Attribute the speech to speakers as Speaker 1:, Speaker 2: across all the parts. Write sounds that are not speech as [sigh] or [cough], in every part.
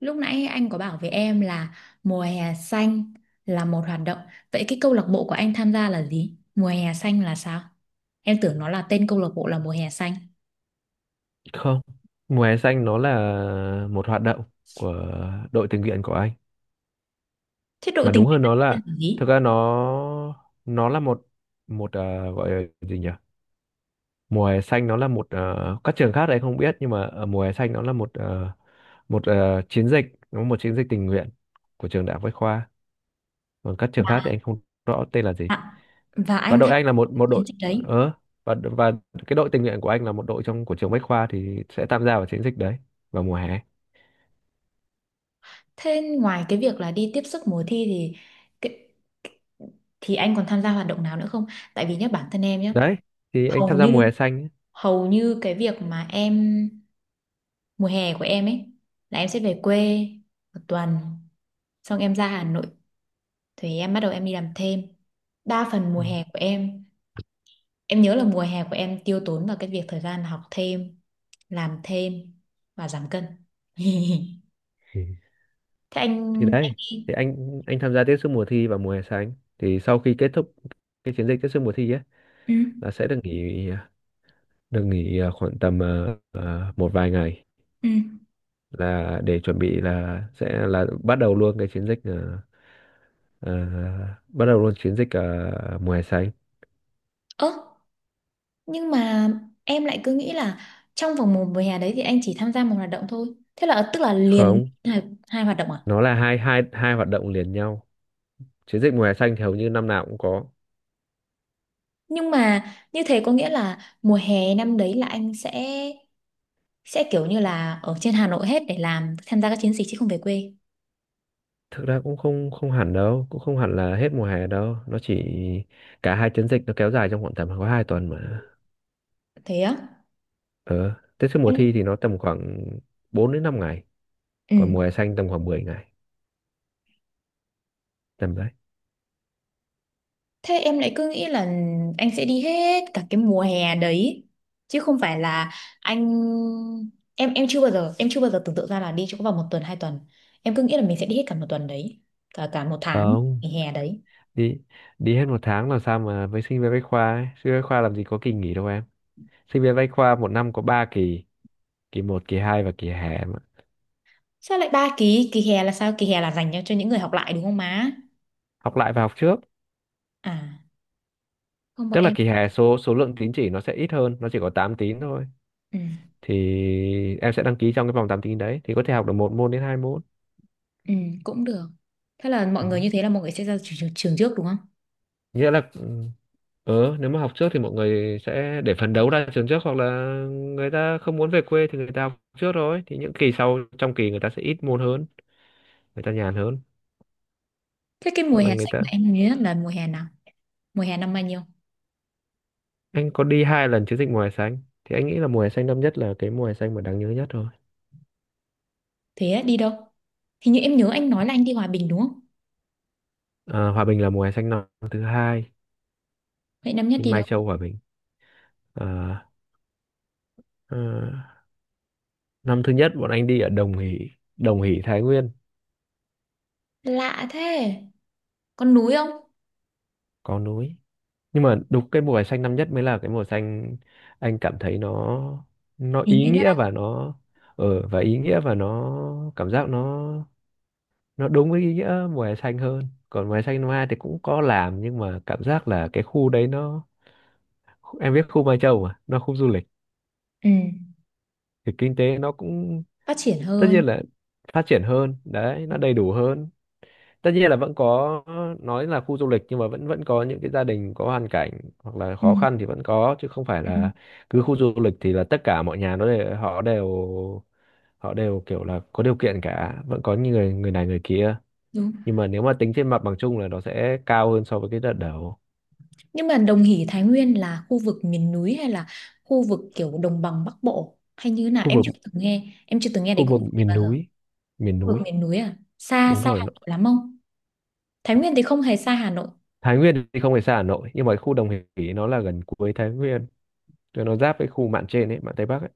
Speaker 1: Lúc nãy anh có bảo với em là mùa hè xanh là một hoạt động. Vậy cái câu lạc bộ của anh tham gia là gì? Mùa hè xanh là sao? Em tưởng nó là tên câu lạc bộ là mùa hè xanh.
Speaker 2: Không, mùa hè xanh nó là một hoạt động của đội tình nguyện của anh.
Speaker 1: Thế đội
Speaker 2: Mà
Speaker 1: tình
Speaker 2: đúng
Speaker 1: nguyện
Speaker 2: hơn
Speaker 1: anh
Speaker 2: nó là,
Speaker 1: tên là
Speaker 2: thực
Speaker 1: gì?
Speaker 2: ra nó là một một, gọi là gì nhỉ? Mùa hè xanh nó là một, các trường khác thì anh không biết, nhưng mà ở mùa hè xanh nó là chiến dịch, nó một chiến dịch tình nguyện của trường Đại học Bách Khoa. Còn các trường khác thì anh không rõ tên là gì.
Speaker 1: À, và
Speaker 2: Và
Speaker 1: anh
Speaker 2: đội
Speaker 1: tham
Speaker 2: anh là
Speaker 1: gia
Speaker 2: một một
Speaker 1: chiến
Speaker 2: đội,
Speaker 1: dịch đấy.
Speaker 2: ờ và cái đội tình nguyện của anh là một đội trong của trường Bách Khoa thì sẽ tham gia vào chiến dịch đấy vào mùa hè.
Speaker 1: Thế ngoài cái việc là đi tiếp sức mùa thi thì cái- thì anh còn tham gia hoạt động nào nữa không? Tại vì nhá bản thân em nhá,
Speaker 2: Đấy, thì anh tham
Speaker 1: hầu
Speaker 2: gia mùa
Speaker 1: như
Speaker 2: hè xanh ấy.
Speaker 1: hầu như cái việc mà em mùa hè của em ấy là em sẽ về quê một tuần, xong em ra Hà Nội thì em bắt đầu em đi làm thêm. Đa phần mùa
Speaker 2: Ừ.
Speaker 1: hè của em nhớ là mùa hè của em tiêu tốn vào cái việc thời gian học thêm, làm thêm và giảm cân. [laughs]
Speaker 2: Ừ.
Speaker 1: Thế anh
Speaker 2: Thì
Speaker 1: anh
Speaker 2: đấy,
Speaker 1: đi.
Speaker 2: thì anh tham gia tiếp sức mùa thi và mùa hè xanh, thì sau khi kết thúc cái chiến dịch tiếp sức mùa thi ấy
Speaker 1: Ừ.
Speaker 2: là sẽ được nghỉ, được nghỉ khoảng tầm một vài ngày,
Speaker 1: Ừ.
Speaker 2: là để chuẩn bị là sẽ là bắt đầu luôn cái chiến dịch, à, bắt đầu luôn chiến dịch mùa hè xanh.
Speaker 1: Ơ, nhưng mà em lại cứ nghĩ là trong vòng một mùa hè đấy thì anh chỉ tham gia một hoạt động thôi, thế là tức là liền
Speaker 2: Không,
Speaker 1: hai, hoạt động à?
Speaker 2: nó là hai hai hai hoạt động liền nhau. Chiến dịch mùa hè xanh thì hầu như năm nào cũng có.
Speaker 1: Nhưng mà như thế có nghĩa là mùa hè năm đấy là anh sẽ kiểu như là ở trên Hà Nội hết để làm tham gia các chiến dịch chứ không về quê.
Speaker 2: Thực ra cũng không không hẳn đâu, cũng không hẳn là hết mùa hè đâu, nó chỉ, cả hai chiến dịch nó kéo dài trong khoảng tầm có 2 tuần mà.
Speaker 1: Thế á?
Speaker 2: Ờ Tết trước mùa
Speaker 1: Em.
Speaker 2: thi thì nó tầm khoảng 4 đến 5 ngày,
Speaker 1: Ừ.
Speaker 2: còn mùa hè xanh tầm khoảng 10 ngày, tầm đấy.
Speaker 1: Thế em lại cứ nghĩ là anh sẽ đi hết cả cái mùa hè đấy, chứ không phải là anh, em chưa bao giờ em chưa bao giờ tưởng tượng ra là đi chỗ vào một tuần hai tuần. Em cứ nghĩ là mình sẽ đi hết cả một tuần đấy, cả cả một tháng,
Speaker 2: Không,
Speaker 1: kỳ hè đấy.
Speaker 2: đi đi hết một tháng làm sao mà, với sinh viên bách khoa ấy. Sinh viên bách khoa làm gì có kỳ nghỉ đâu em. Sinh viên bách khoa một năm có 3 kỳ: kỳ một, kỳ 2 và kỳ hè mà.
Speaker 1: Sao lại ba kỳ? Kỳ hè là sao? Kỳ hè là dành cho những người học lại đúng không má?
Speaker 2: Học lại và học trước.
Speaker 1: À, không, bọn
Speaker 2: Tức là
Speaker 1: em.
Speaker 2: kỳ hè số số lượng tín chỉ nó sẽ ít hơn, nó chỉ có 8 tín thôi,
Speaker 1: Ừ.
Speaker 2: thì em sẽ đăng ký trong cái vòng 8 tín đấy thì có thể học được một môn đến hai môn.
Speaker 1: Ừ, cũng được. Thế là mọi
Speaker 2: Ừ.
Speaker 1: người, như thế là mọi người sẽ ra trường trước đúng không?
Speaker 2: Nghĩa là ừ, nếu mà học trước thì mọi người sẽ để phấn đấu ra trường trước, hoặc là người ta không muốn về quê thì người ta học trước rồi, thì những kỳ sau trong kỳ người ta sẽ ít môn hơn, người ta nhàn hơn.
Speaker 1: Thế cái mùa
Speaker 2: Hoặc là
Speaker 1: hè
Speaker 2: người
Speaker 1: xanh
Speaker 2: ta,
Speaker 1: mà em nhớ nhất là mùa hè nào, mùa hè năm bao nhiêu?
Speaker 2: anh có đi 2 lần chiến dịch mùa hè xanh, thì anh nghĩ là mùa hè xanh năm nhất là cái mùa hè xanh mà đáng nhớ nhất thôi.
Speaker 1: Thế á, đi đâu? Hình như em nhớ anh nói là anh đi Hòa Bình đúng không?
Speaker 2: Ờ, Hòa Bình là mùa hè xanh năm thứ hai,
Speaker 1: Vậy năm nhất
Speaker 2: đi
Speaker 1: đi
Speaker 2: Mai
Speaker 1: đâu?
Speaker 2: Châu Hòa Bình. Ờ, ờ, năm thứ nhất bọn anh đi ở Đồng Hỷ, Đồng Hỷ Thái Nguyên.
Speaker 1: Lạ thế. Con núi không?
Speaker 2: Có núi, nhưng mà đúng cái mùa vải xanh năm nhất mới là cái mùa xanh anh cảm thấy nó
Speaker 1: Ý
Speaker 2: ý
Speaker 1: nghĩa
Speaker 2: nghĩa,
Speaker 1: nhất.
Speaker 2: và nó. Và ý nghĩa, và nó cảm giác nó đúng với ý nghĩa mùa hè xanh hơn. Còn mùa hè xanh năm hai thì cũng có làm, nhưng mà cảm giác là cái khu đấy nó, em biết khu Mai Châu mà, nó khu du lịch
Speaker 1: Ừ.
Speaker 2: thì kinh tế nó cũng,
Speaker 1: Phát triển
Speaker 2: tất
Speaker 1: hơn.
Speaker 2: nhiên là phát triển hơn đấy, nó đầy đủ hơn. Tất nhiên là vẫn có, nói là khu du lịch nhưng mà vẫn vẫn có những cái gia đình có hoàn cảnh hoặc là
Speaker 1: Ừ.
Speaker 2: khó khăn, thì vẫn có, chứ không phải
Speaker 1: Ừ.
Speaker 2: là cứ khu du lịch thì là tất cả mọi nhà nó đều, họ đều, họ đều kiểu là có điều kiện cả, vẫn có những người, người này người kia.
Speaker 1: Đúng.
Speaker 2: Nhưng mà nếu mà tính trên mặt bằng chung là nó sẽ cao hơn so với cái đợt đầu.
Speaker 1: Nhưng mà Đồng Hỷ Thái Nguyên là khu vực miền núi hay là khu vực kiểu đồng bằng Bắc Bộ hay như thế nào?
Speaker 2: Khu
Speaker 1: Em
Speaker 2: vực,
Speaker 1: chưa từng nghe. Em chưa từng nghe
Speaker 2: khu
Speaker 1: đến khu
Speaker 2: vực
Speaker 1: vực này
Speaker 2: miền
Speaker 1: bao giờ.
Speaker 2: núi, miền
Speaker 1: Khu vực
Speaker 2: núi.
Speaker 1: miền núi à? Xa
Speaker 2: Đúng
Speaker 1: xa
Speaker 2: rồi,
Speaker 1: Hà
Speaker 2: nó,
Speaker 1: Nội lắm không? Thái Nguyên thì không hề xa Hà Nội.
Speaker 2: Thái Nguyên thì không phải xa Hà Nội, nhưng mà khu Đồng Hỷ nó là gần cuối Thái Nguyên, cho nó giáp với khu mạn trên ấy, mạn Tây Bắc ấy.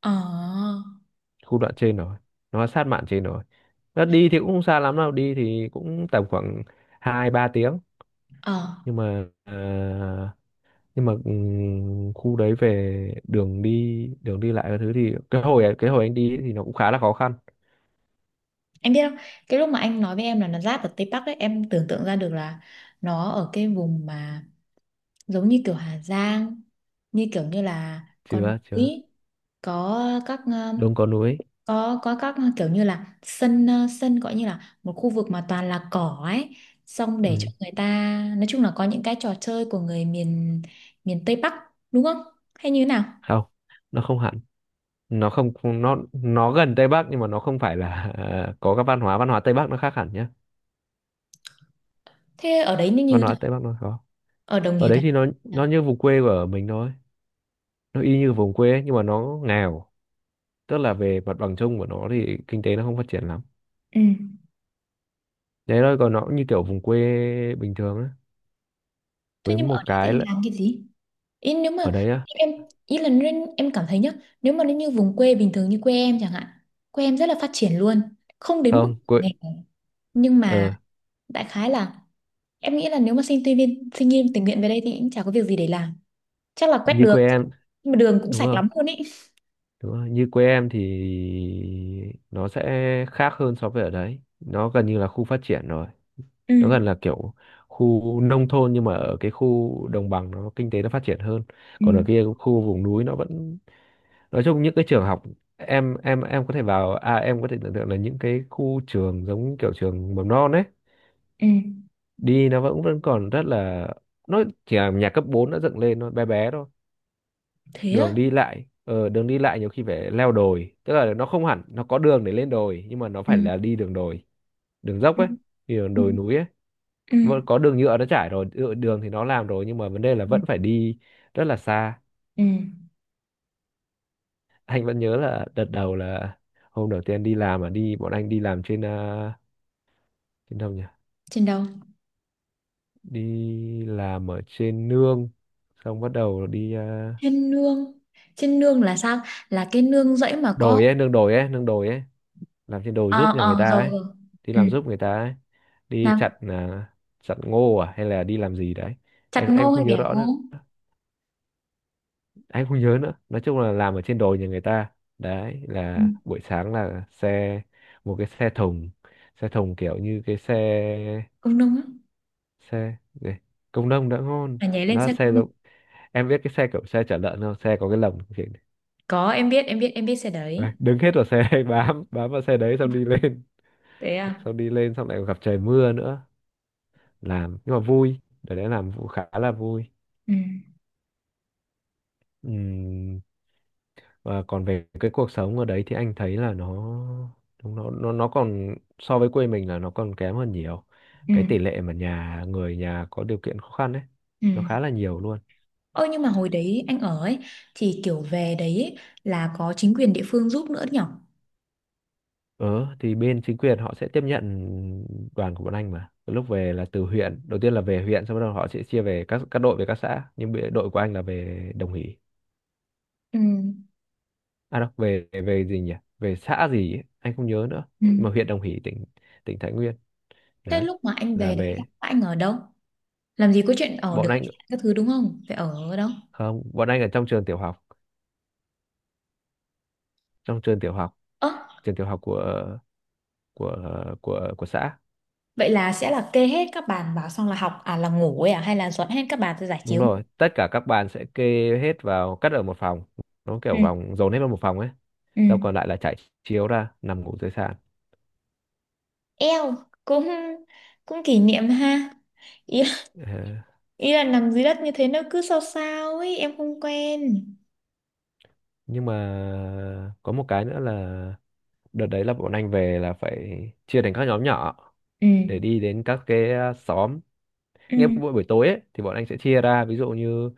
Speaker 1: Ờ.
Speaker 2: Khu đoạn trên rồi, nó sát mạn trên rồi, nó đi thì cũng không xa lắm đâu, đi thì cũng tầm khoảng hai ba tiếng.
Speaker 1: Ờ.
Speaker 2: Nhưng mà nhưng mà khu đấy về đường đi, đường đi lại cái thứ, thì cái hồi anh đi ấy thì nó cũng khá là khó khăn.
Speaker 1: Em biết không, cái lúc mà anh nói với em là nó giáp ở Tây Bắc ấy, em tưởng tượng ra được là nó ở cái vùng mà giống như kiểu Hà Giang, như kiểu như là con
Speaker 2: Chưa chưa,
Speaker 1: núi, có các
Speaker 2: đông có núi.
Speaker 1: có các kiểu như là sân gọi như là một khu vực mà toàn là cỏ ấy, xong để
Speaker 2: Ừ.
Speaker 1: cho người ta nói chung là có những cái trò chơi của người miền miền Tây Bắc đúng không? Hay như thế nào?
Speaker 2: Không, nó không hẳn, nó không, nó gần Tây Bắc nhưng mà nó không phải là [laughs] có các văn hóa, văn hóa Tây Bắc nó khác hẳn nhá.
Speaker 1: Thế ở đấy nó như
Speaker 2: Văn
Speaker 1: thế
Speaker 2: hóa
Speaker 1: nào?
Speaker 2: Tây Bắc nó khó.
Speaker 1: Ở Đồng
Speaker 2: Ở
Speaker 1: Hỷ
Speaker 2: đấy
Speaker 1: Thành.
Speaker 2: thì nó
Speaker 1: À?
Speaker 2: nó như vùng quê của mình thôi, nó y như vùng quê ấy, nhưng mà nó nghèo. Tức là về mặt bằng chung của nó thì kinh tế nó không phát triển lắm,
Speaker 1: Ừ.
Speaker 2: đấy thôi. Còn nó cũng như kiểu vùng quê bình thường á.
Speaker 1: Thế
Speaker 2: Với
Speaker 1: nhưng mà ở
Speaker 2: một
Speaker 1: đấy thì
Speaker 2: cái
Speaker 1: anh
Speaker 2: là
Speaker 1: làm cái gì? Ý nếu mà
Speaker 2: ở đấy á,
Speaker 1: em, ý là nên em cảm thấy nhá, nếu mà nó như vùng quê bình thường như quê em chẳng hạn, quê em rất là phát triển luôn, không đến mức
Speaker 2: không, quê,
Speaker 1: nghèo, nhưng mà
Speaker 2: ờ,
Speaker 1: đại khái là em nghĩ là nếu mà sinh viên tình nguyện về đây thì cũng chả có việc gì để làm, chắc là quét
Speaker 2: như quê
Speaker 1: đường
Speaker 2: em.
Speaker 1: nhưng mà đường cũng
Speaker 2: Đúng
Speaker 1: sạch
Speaker 2: rồi,
Speaker 1: lắm luôn ý.
Speaker 2: đúng rồi, như quê em thì nó sẽ khác hơn, so với ở đấy nó gần như là khu phát triển rồi.
Speaker 1: Ừ.
Speaker 2: Nó gần là kiểu khu nông thôn, nhưng mà ở cái khu đồng bằng nó kinh tế nó phát triển hơn.
Speaker 1: Ừ.
Speaker 2: Còn ở kia khu vùng núi nó vẫn, nói chung những cái trường học, em có thể vào, à em có thể tưởng tượng là những cái khu trường giống kiểu trường mầm non ấy,
Speaker 1: Ừ.
Speaker 2: đi nó vẫn vẫn còn rất là, nó chỉ là nhà cấp 4 đã dựng lên, nó bé bé thôi.
Speaker 1: Thế á?
Speaker 2: Đường đi lại đường đi lại nhiều khi phải leo đồi, tức là nó không hẳn nó có đường để lên đồi, nhưng mà nó phải
Speaker 1: Ừ.
Speaker 2: là đi đường đồi, đường dốc
Speaker 1: Ừ.
Speaker 2: ấy, đi đường
Speaker 1: Ừ.
Speaker 2: đồi núi ấy.
Speaker 1: Ừ.
Speaker 2: Vẫn có đường nhựa nó trải rồi, nhựa đường thì nó làm rồi, nhưng mà vấn đề là
Speaker 1: Ừ.
Speaker 2: vẫn phải đi rất là xa.
Speaker 1: Ừ.
Speaker 2: Anh vẫn nhớ là đợt đầu là hôm đầu tiên đi làm, mà đi bọn anh đi làm trên đến đâu nhỉ,
Speaker 1: Trên đâu?
Speaker 2: đi làm ở trên nương. Xong bắt đầu đi,
Speaker 1: Trên nương. Trên nương là sao? Là cái nương rẫy mà có.
Speaker 2: đồi ấy, nương đồi ấy, nương đồi ấy, làm trên đồi
Speaker 1: Ờ,
Speaker 2: giúp nhà người
Speaker 1: ờ,
Speaker 2: ta
Speaker 1: rồi,
Speaker 2: ấy,
Speaker 1: rồi.
Speaker 2: đi
Speaker 1: Ừ.
Speaker 2: làm giúp người ta ấy, đi
Speaker 1: Nam.
Speaker 2: chặt chặt ngô à hay là đi làm gì đấy,
Speaker 1: Chặt
Speaker 2: em
Speaker 1: ngô
Speaker 2: không
Speaker 1: hay
Speaker 2: nhớ
Speaker 1: bẻ
Speaker 2: rõ
Speaker 1: ngô?
Speaker 2: nữa, anh không nhớ nữa, nói chung là làm ở trên đồi nhà người ta. Đấy
Speaker 1: Ừ.
Speaker 2: là buổi sáng là xe, một cái xe thùng, xe thùng kiểu như cái xe,
Speaker 1: Công nung á.
Speaker 2: xe này, công nông đã ngon.
Speaker 1: À, nhảy lên
Speaker 2: Nó là
Speaker 1: xe
Speaker 2: xe
Speaker 1: công nung.
Speaker 2: giống, em biết cái xe kiểu xe chở lợn không, xe có cái lồng kiểu.
Speaker 1: Có, em biết, em biết, em biết xe
Speaker 2: Đấy,
Speaker 1: đấy.
Speaker 2: đứng hết vào xe [laughs] bám bám vào xe đấy xong đi lên,
Speaker 1: Thế à?
Speaker 2: xong đi lên, xong lại còn gặp trời mưa nữa. Làm nhưng mà vui, để đấy làm vụ khá là vui.
Speaker 1: Ừ.
Speaker 2: Ừm, và còn về cái cuộc sống ở đấy thì anh thấy là nó nó còn so với quê mình là nó còn kém hơn nhiều.
Speaker 1: Ừ.
Speaker 2: Cái tỷ lệ mà nhà người, nhà có điều kiện khó khăn ấy,
Speaker 1: Ừ.
Speaker 2: nó khá là nhiều luôn.
Speaker 1: Ơ nhưng mà hồi đấy anh ở ấy thì kiểu về đấy ấy, là có chính quyền địa phương giúp nữa nhở?
Speaker 2: Ờ, thì bên chính quyền họ sẽ tiếp nhận đoàn của bọn anh mà. Từ lúc về là từ huyện, đầu tiên là về huyện, sau đó họ sẽ chia về các đội về các xã. Nhưng bị, đội của anh là về Đồng Hỷ.
Speaker 1: Ừ.
Speaker 2: À đâu, về về gì nhỉ? Về xã gì ấy, anh không nhớ nữa.
Speaker 1: Ừ.
Speaker 2: Nhưng mà huyện Đồng Hỷ, tỉnh tỉnh Thái Nguyên.
Speaker 1: Thế
Speaker 2: Đấy.
Speaker 1: lúc mà anh
Speaker 2: Là
Speaker 1: về đấy
Speaker 2: về,
Speaker 1: anh ở đâu? Làm gì có chuyện ở
Speaker 2: bọn
Speaker 1: được khách
Speaker 2: anh,
Speaker 1: sạn các thứ đúng không? Phải ở ở đâu?
Speaker 2: không, bọn anh ở trong trường tiểu học, trong
Speaker 1: Ơ,
Speaker 2: trường tiểu học của của xã.
Speaker 1: vậy là sẽ là kê hết các bàn vào xong là học à là ngủ ấy à hay là dọn hết các bàn ra giải
Speaker 2: Đúng
Speaker 1: chiếu ngủ?
Speaker 2: rồi, tất cả các bạn sẽ kê hết vào, cất ở một phòng. Nó
Speaker 1: Ừ.
Speaker 2: kiểu vòng dồn hết vào một phòng ấy,
Speaker 1: Ừ.
Speaker 2: rau còn lại là trải chiếu ra nằm ngủ dưới sàn.
Speaker 1: Eo, cũng cũng kỷ niệm ha. Ý,
Speaker 2: Ờ,
Speaker 1: ý là nằm dưới đất như thế nó cứ sao sao ấy, em không quen.
Speaker 2: nhưng mà có một cái nữa là đợt đấy là bọn anh về là phải chia thành các nhóm nhỏ
Speaker 1: Ừ.
Speaker 2: để đi đến các cái xóm.
Speaker 1: Ừ.
Speaker 2: Nghe buổi buổi tối ấy thì bọn anh sẽ chia ra, ví dụ như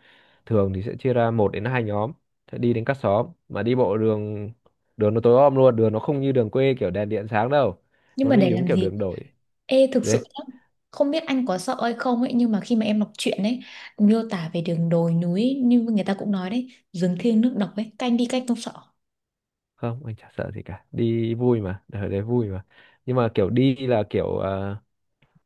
Speaker 2: thường thì sẽ chia ra một đến hai nhóm sẽ đi đến các xóm mà đi bộ đường đường nó tối om luôn, đường nó không như đường quê kiểu đèn điện sáng đâu
Speaker 1: Nhưng
Speaker 2: mà
Speaker 1: mà
Speaker 2: nó đi
Speaker 1: để
Speaker 2: đúng
Speaker 1: làm
Speaker 2: kiểu
Speaker 1: gì?
Speaker 2: đường đổi
Speaker 1: Ê, thực
Speaker 2: đấy.
Speaker 1: sự nhá, không biết anh có sợ hay không ấy, nhưng mà khi mà em đọc truyện ấy miêu tả về đường đồi núi ấy, như người ta cũng nói đấy, rừng thiêng nước độc ấy, canh đi cách không sợ.
Speaker 2: Không, anh chả sợ gì cả, đi vui mà, đời đấy vui mà. Nhưng mà kiểu đi là kiểu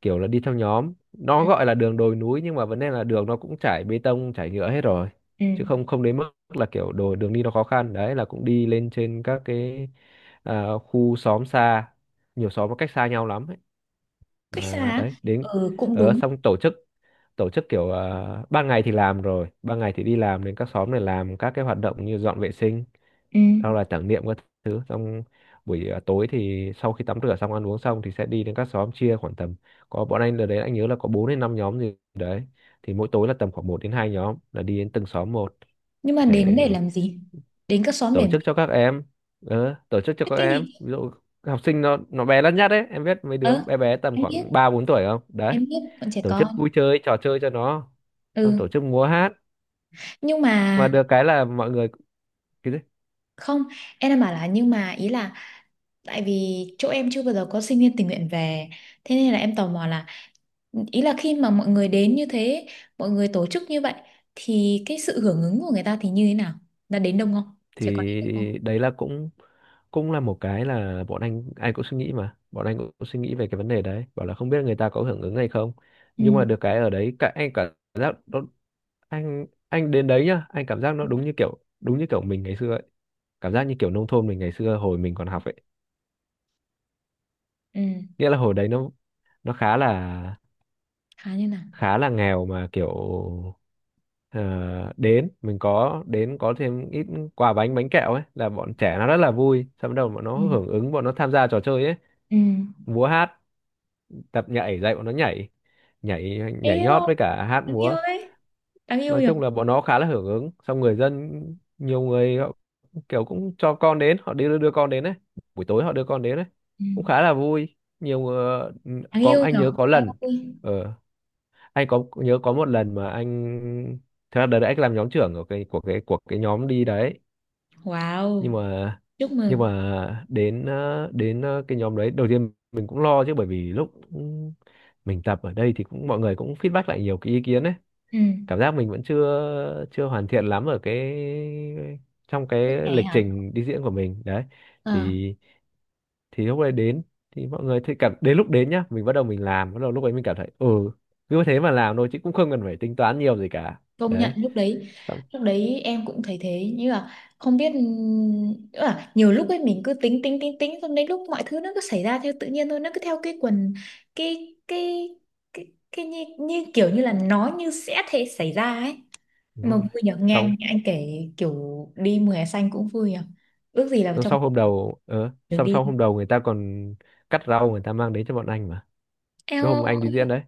Speaker 2: kiểu là đi theo nhóm, nó
Speaker 1: Ừ.
Speaker 2: gọi là đường đồi núi nhưng mà vấn đề là đường nó cũng trải bê tông trải nhựa hết rồi
Speaker 1: Ừ.
Speaker 2: chứ không không đến mức là kiểu đồ đường đi nó khó khăn đấy, là cũng đi lên trên các cái khu xóm xa, nhiều xóm nó cách xa nhau lắm ấy.
Speaker 1: Cách xa
Speaker 2: Mà
Speaker 1: á?
Speaker 2: đấy, đến
Speaker 1: Ừ, cũng
Speaker 2: ở
Speaker 1: đúng.
Speaker 2: xong tổ chức kiểu ban ngày thì làm rồi, ban ngày thì đi làm đến các xóm này làm các cái hoạt động như dọn vệ sinh,
Speaker 1: Ừ.
Speaker 2: sau là tưởng niệm các thứ. Xong buổi tối thì sau khi tắm rửa xong, ăn uống xong thì sẽ đi đến các xóm, chia khoảng tầm, có bọn anh ở đấy anh nhớ là có 4 đến 5 nhóm gì đấy thì mỗi tối là tầm khoảng một đến 2 nhóm là đi đến từng xóm một
Speaker 1: Nhưng mà
Speaker 2: để
Speaker 1: đến để làm gì? Đến các xóm để
Speaker 2: tổ
Speaker 1: làm
Speaker 2: chức
Speaker 1: gì?
Speaker 2: cho các em, tổ chức cho
Speaker 1: Biết
Speaker 2: các
Speaker 1: cái
Speaker 2: em,
Speaker 1: gì?
Speaker 2: ví dụ học sinh nó bé lắt nhát đấy, em biết mấy đứa
Speaker 1: Ờ,
Speaker 2: bé bé tầm
Speaker 1: em biết
Speaker 2: khoảng 3 4 tuổi không đấy,
Speaker 1: em biết bọn trẻ
Speaker 2: tổ chức
Speaker 1: con.
Speaker 2: vui chơi trò chơi cho nó, xong
Speaker 1: Ừ.
Speaker 2: tổ chức múa hát
Speaker 1: Nhưng
Speaker 2: mà
Speaker 1: mà,
Speaker 2: được cái là mọi người. Cái gì?
Speaker 1: không, em đang bảo là nhưng mà ý là tại vì chỗ em chưa bao giờ có sinh viên tình nguyện về, thế nên là em tò mò là ý là khi mà mọi người đến như thế, mọi người tổ chức như vậy thì cái sự hưởng ứng của người ta thì như thế nào, đã đến đông không, trẻ con đến đông không?
Speaker 2: Thì đấy là cũng cũng là một cái là bọn anh ai cũng suy nghĩ, mà bọn anh cũng suy nghĩ về cái vấn đề đấy, bảo là không biết người ta có hưởng ứng hay không.
Speaker 1: Ừ.
Speaker 2: Nhưng mà được cái ở đấy, cả anh cảm giác nó, anh đến đấy nhá, anh cảm giác nó đúng như kiểu mình ngày xưa ấy, cảm giác như kiểu nông thôn mình ngày xưa hồi mình còn học ấy.
Speaker 1: Ừ.
Speaker 2: Nghĩa là hồi đấy nó khá là
Speaker 1: Khá như nào?
Speaker 2: khá là nghèo mà kiểu ờ, đến mình có đến có thêm ít quà bánh bánh kẹo ấy là bọn trẻ nó rất là vui, xong bắt đầu bọn nó
Speaker 1: Ừ.
Speaker 2: hưởng ứng, bọn nó tham gia trò chơi ấy,
Speaker 1: Ừ.
Speaker 2: múa hát, tập nhảy, dạy bọn nó nhảy nhảy nhảy
Speaker 1: Yêu,
Speaker 2: nhót với cả hát
Speaker 1: đáng yêu
Speaker 2: múa.
Speaker 1: đấy, đáng yêu
Speaker 2: Nói
Speaker 1: nhỉ.
Speaker 2: chung là bọn nó khá là hưởng ứng, xong người dân nhiều người họ kiểu cũng cho con đến, họ đi đưa con đến đấy, buổi tối họ đưa con đến đấy,
Speaker 1: Ừ.
Speaker 2: cũng khá là vui nhiều người.
Speaker 1: Đáng
Speaker 2: Có
Speaker 1: yêu
Speaker 2: anh
Speaker 1: nhỉ.
Speaker 2: nhớ có
Speaker 1: Em
Speaker 2: lần,
Speaker 1: ơi.
Speaker 2: ờ, anh có nhớ có một lần mà anh, thật ra đợt đấy anh làm nhóm trưởng của cái, của cái nhóm đi đấy. nhưng
Speaker 1: Wow.
Speaker 2: mà
Speaker 1: Chúc
Speaker 2: nhưng
Speaker 1: mừng.
Speaker 2: mà đến cái nhóm đấy đầu tiên mình cũng lo chứ, bởi vì lúc mình tập ở đây thì cũng mọi người cũng feedback lại nhiều cái ý kiến đấy,
Speaker 1: Ừ.
Speaker 2: cảm giác mình vẫn chưa chưa hoàn thiện lắm ở cái, trong
Speaker 1: Bước
Speaker 2: cái
Speaker 1: nhảy
Speaker 2: lịch
Speaker 1: hả?
Speaker 2: trình đi diễn của mình đấy.
Speaker 1: Ờ.
Speaker 2: Thì thì lúc đấy đến, thì mọi người thấy cảm, đến lúc đến nhá mình bắt đầu, mình làm bắt đầu lúc ấy mình cảm thấy ừ, cứ thế mà làm thôi chứ cũng không cần phải tính toán nhiều gì cả.
Speaker 1: Công nhận
Speaker 2: Đấy.
Speaker 1: lúc đấy,
Speaker 2: Xong
Speaker 1: lúc đấy em cũng thấy thế, như là không biết nữa, là nhiều lúc ấy mình cứ tính tính tính tính xong đến lúc mọi thứ nó cứ xảy ra theo tự nhiên thôi, nó cứ theo cái quần, cái cái cái, cái như, kiểu như là nó như sẽ thế xảy ra ấy.
Speaker 2: đúng
Speaker 1: Mà
Speaker 2: rồi.
Speaker 1: vui nhở, nghe
Speaker 2: Xong
Speaker 1: anh kể, kiểu đi mùa hè xanh cũng vui nhở, ước gì là
Speaker 2: xong
Speaker 1: trong
Speaker 2: sau hôm đầu ờ
Speaker 1: được
Speaker 2: xong
Speaker 1: đi.
Speaker 2: sau hôm đầu người ta còn cắt rau, người ta mang đến cho bọn anh mà, cái
Speaker 1: Eo
Speaker 2: hôm anh đi
Speaker 1: ơi,
Speaker 2: diễn đấy,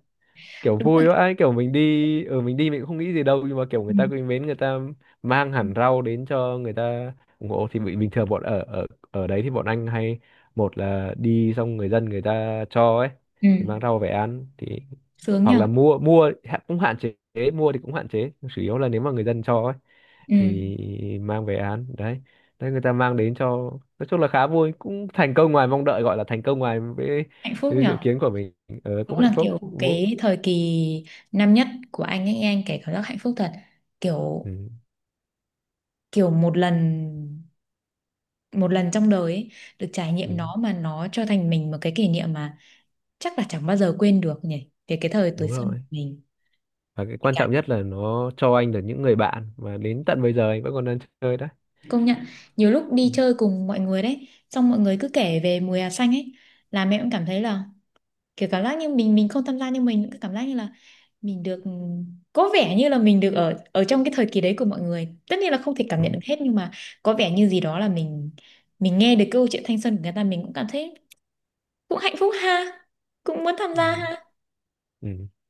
Speaker 2: kiểu
Speaker 1: đúng là.
Speaker 2: vui vãi, kiểu mình đi mình cũng không nghĩ gì đâu nhưng mà kiểu
Speaker 1: Ừ.
Speaker 2: người ta quý mến, người ta mang hẳn rau đến cho, người ta ủng hộ thì bình thường bọn ở, ở đấy thì bọn anh hay, một là đi xong người dân người ta cho ấy
Speaker 1: Ừ.
Speaker 2: thì mang rau về ăn, thì
Speaker 1: Sướng
Speaker 2: hoặc
Speaker 1: nhở.
Speaker 2: là mua, cũng hạn chế, mua thì cũng hạn chế, chủ yếu là nếu mà người dân cho ấy
Speaker 1: Ừ.
Speaker 2: thì mang về ăn đấy, đấy người ta mang đến cho. Nói chung là khá vui, cũng thành công ngoài mong đợi, gọi là thành công ngoài với,
Speaker 1: Hạnh phúc
Speaker 2: với dự
Speaker 1: nhở.
Speaker 2: kiến của mình,
Speaker 1: Đúng
Speaker 2: cũng hạnh
Speaker 1: là
Speaker 2: phúc.
Speaker 1: kiểu cái thời kỳ năm nhất của anh ấy, anh kể cảm giác hạnh phúc thật. Kiểu,
Speaker 2: Ừ,
Speaker 1: kiểu một lần, một lần trong đời ấy, được trải
Speaker 2: ừ,
Speaker 1: nghiệm nó mà nó cho thành mình một cái kỷ niệm mà chắc là chẳng bao giờ quên được nhỉ. Về cái thời tuổi
Speaker 2: đúng
Speaker 1: xuân
Speaker 2: rồi,
Speaker 1: của mình.
Speaker 2: và cái quan
Speaker 1: Cả
Speaker 2: trọng nhất là nó cho anh được những người bạn và đến tận bây giờ anh vẫn còn đang chơi đó.
Speaker 1: công nhận nhiều lúc
Speaker 2: Ừ,
Speaker 1: đi chơi cùng mọi người đấy, xong mọi người cứ kể về mùa hè xanh ấy là mẹ cũng cảm thấy là kiểu cảm giác như mình không tham gia nhưng mình cứ cảm giác như là mình được có vẻ như là mình được ở ở trong cái thời kỳ đấy của mọi người, tất nhiên là không thể cảm nhận
Speaker 2: đó.
Speaker 1: được hết nhưng mà có vẻ như gì đó là mình nghe được câu chuyện thanh xuân của người ta mình cũng cảm thấy cũng hạnh phúc ha, cũng muốn tham
Speaker 2: Ừ,
Speaker 1: gia ha.
Speaker 2: ừ.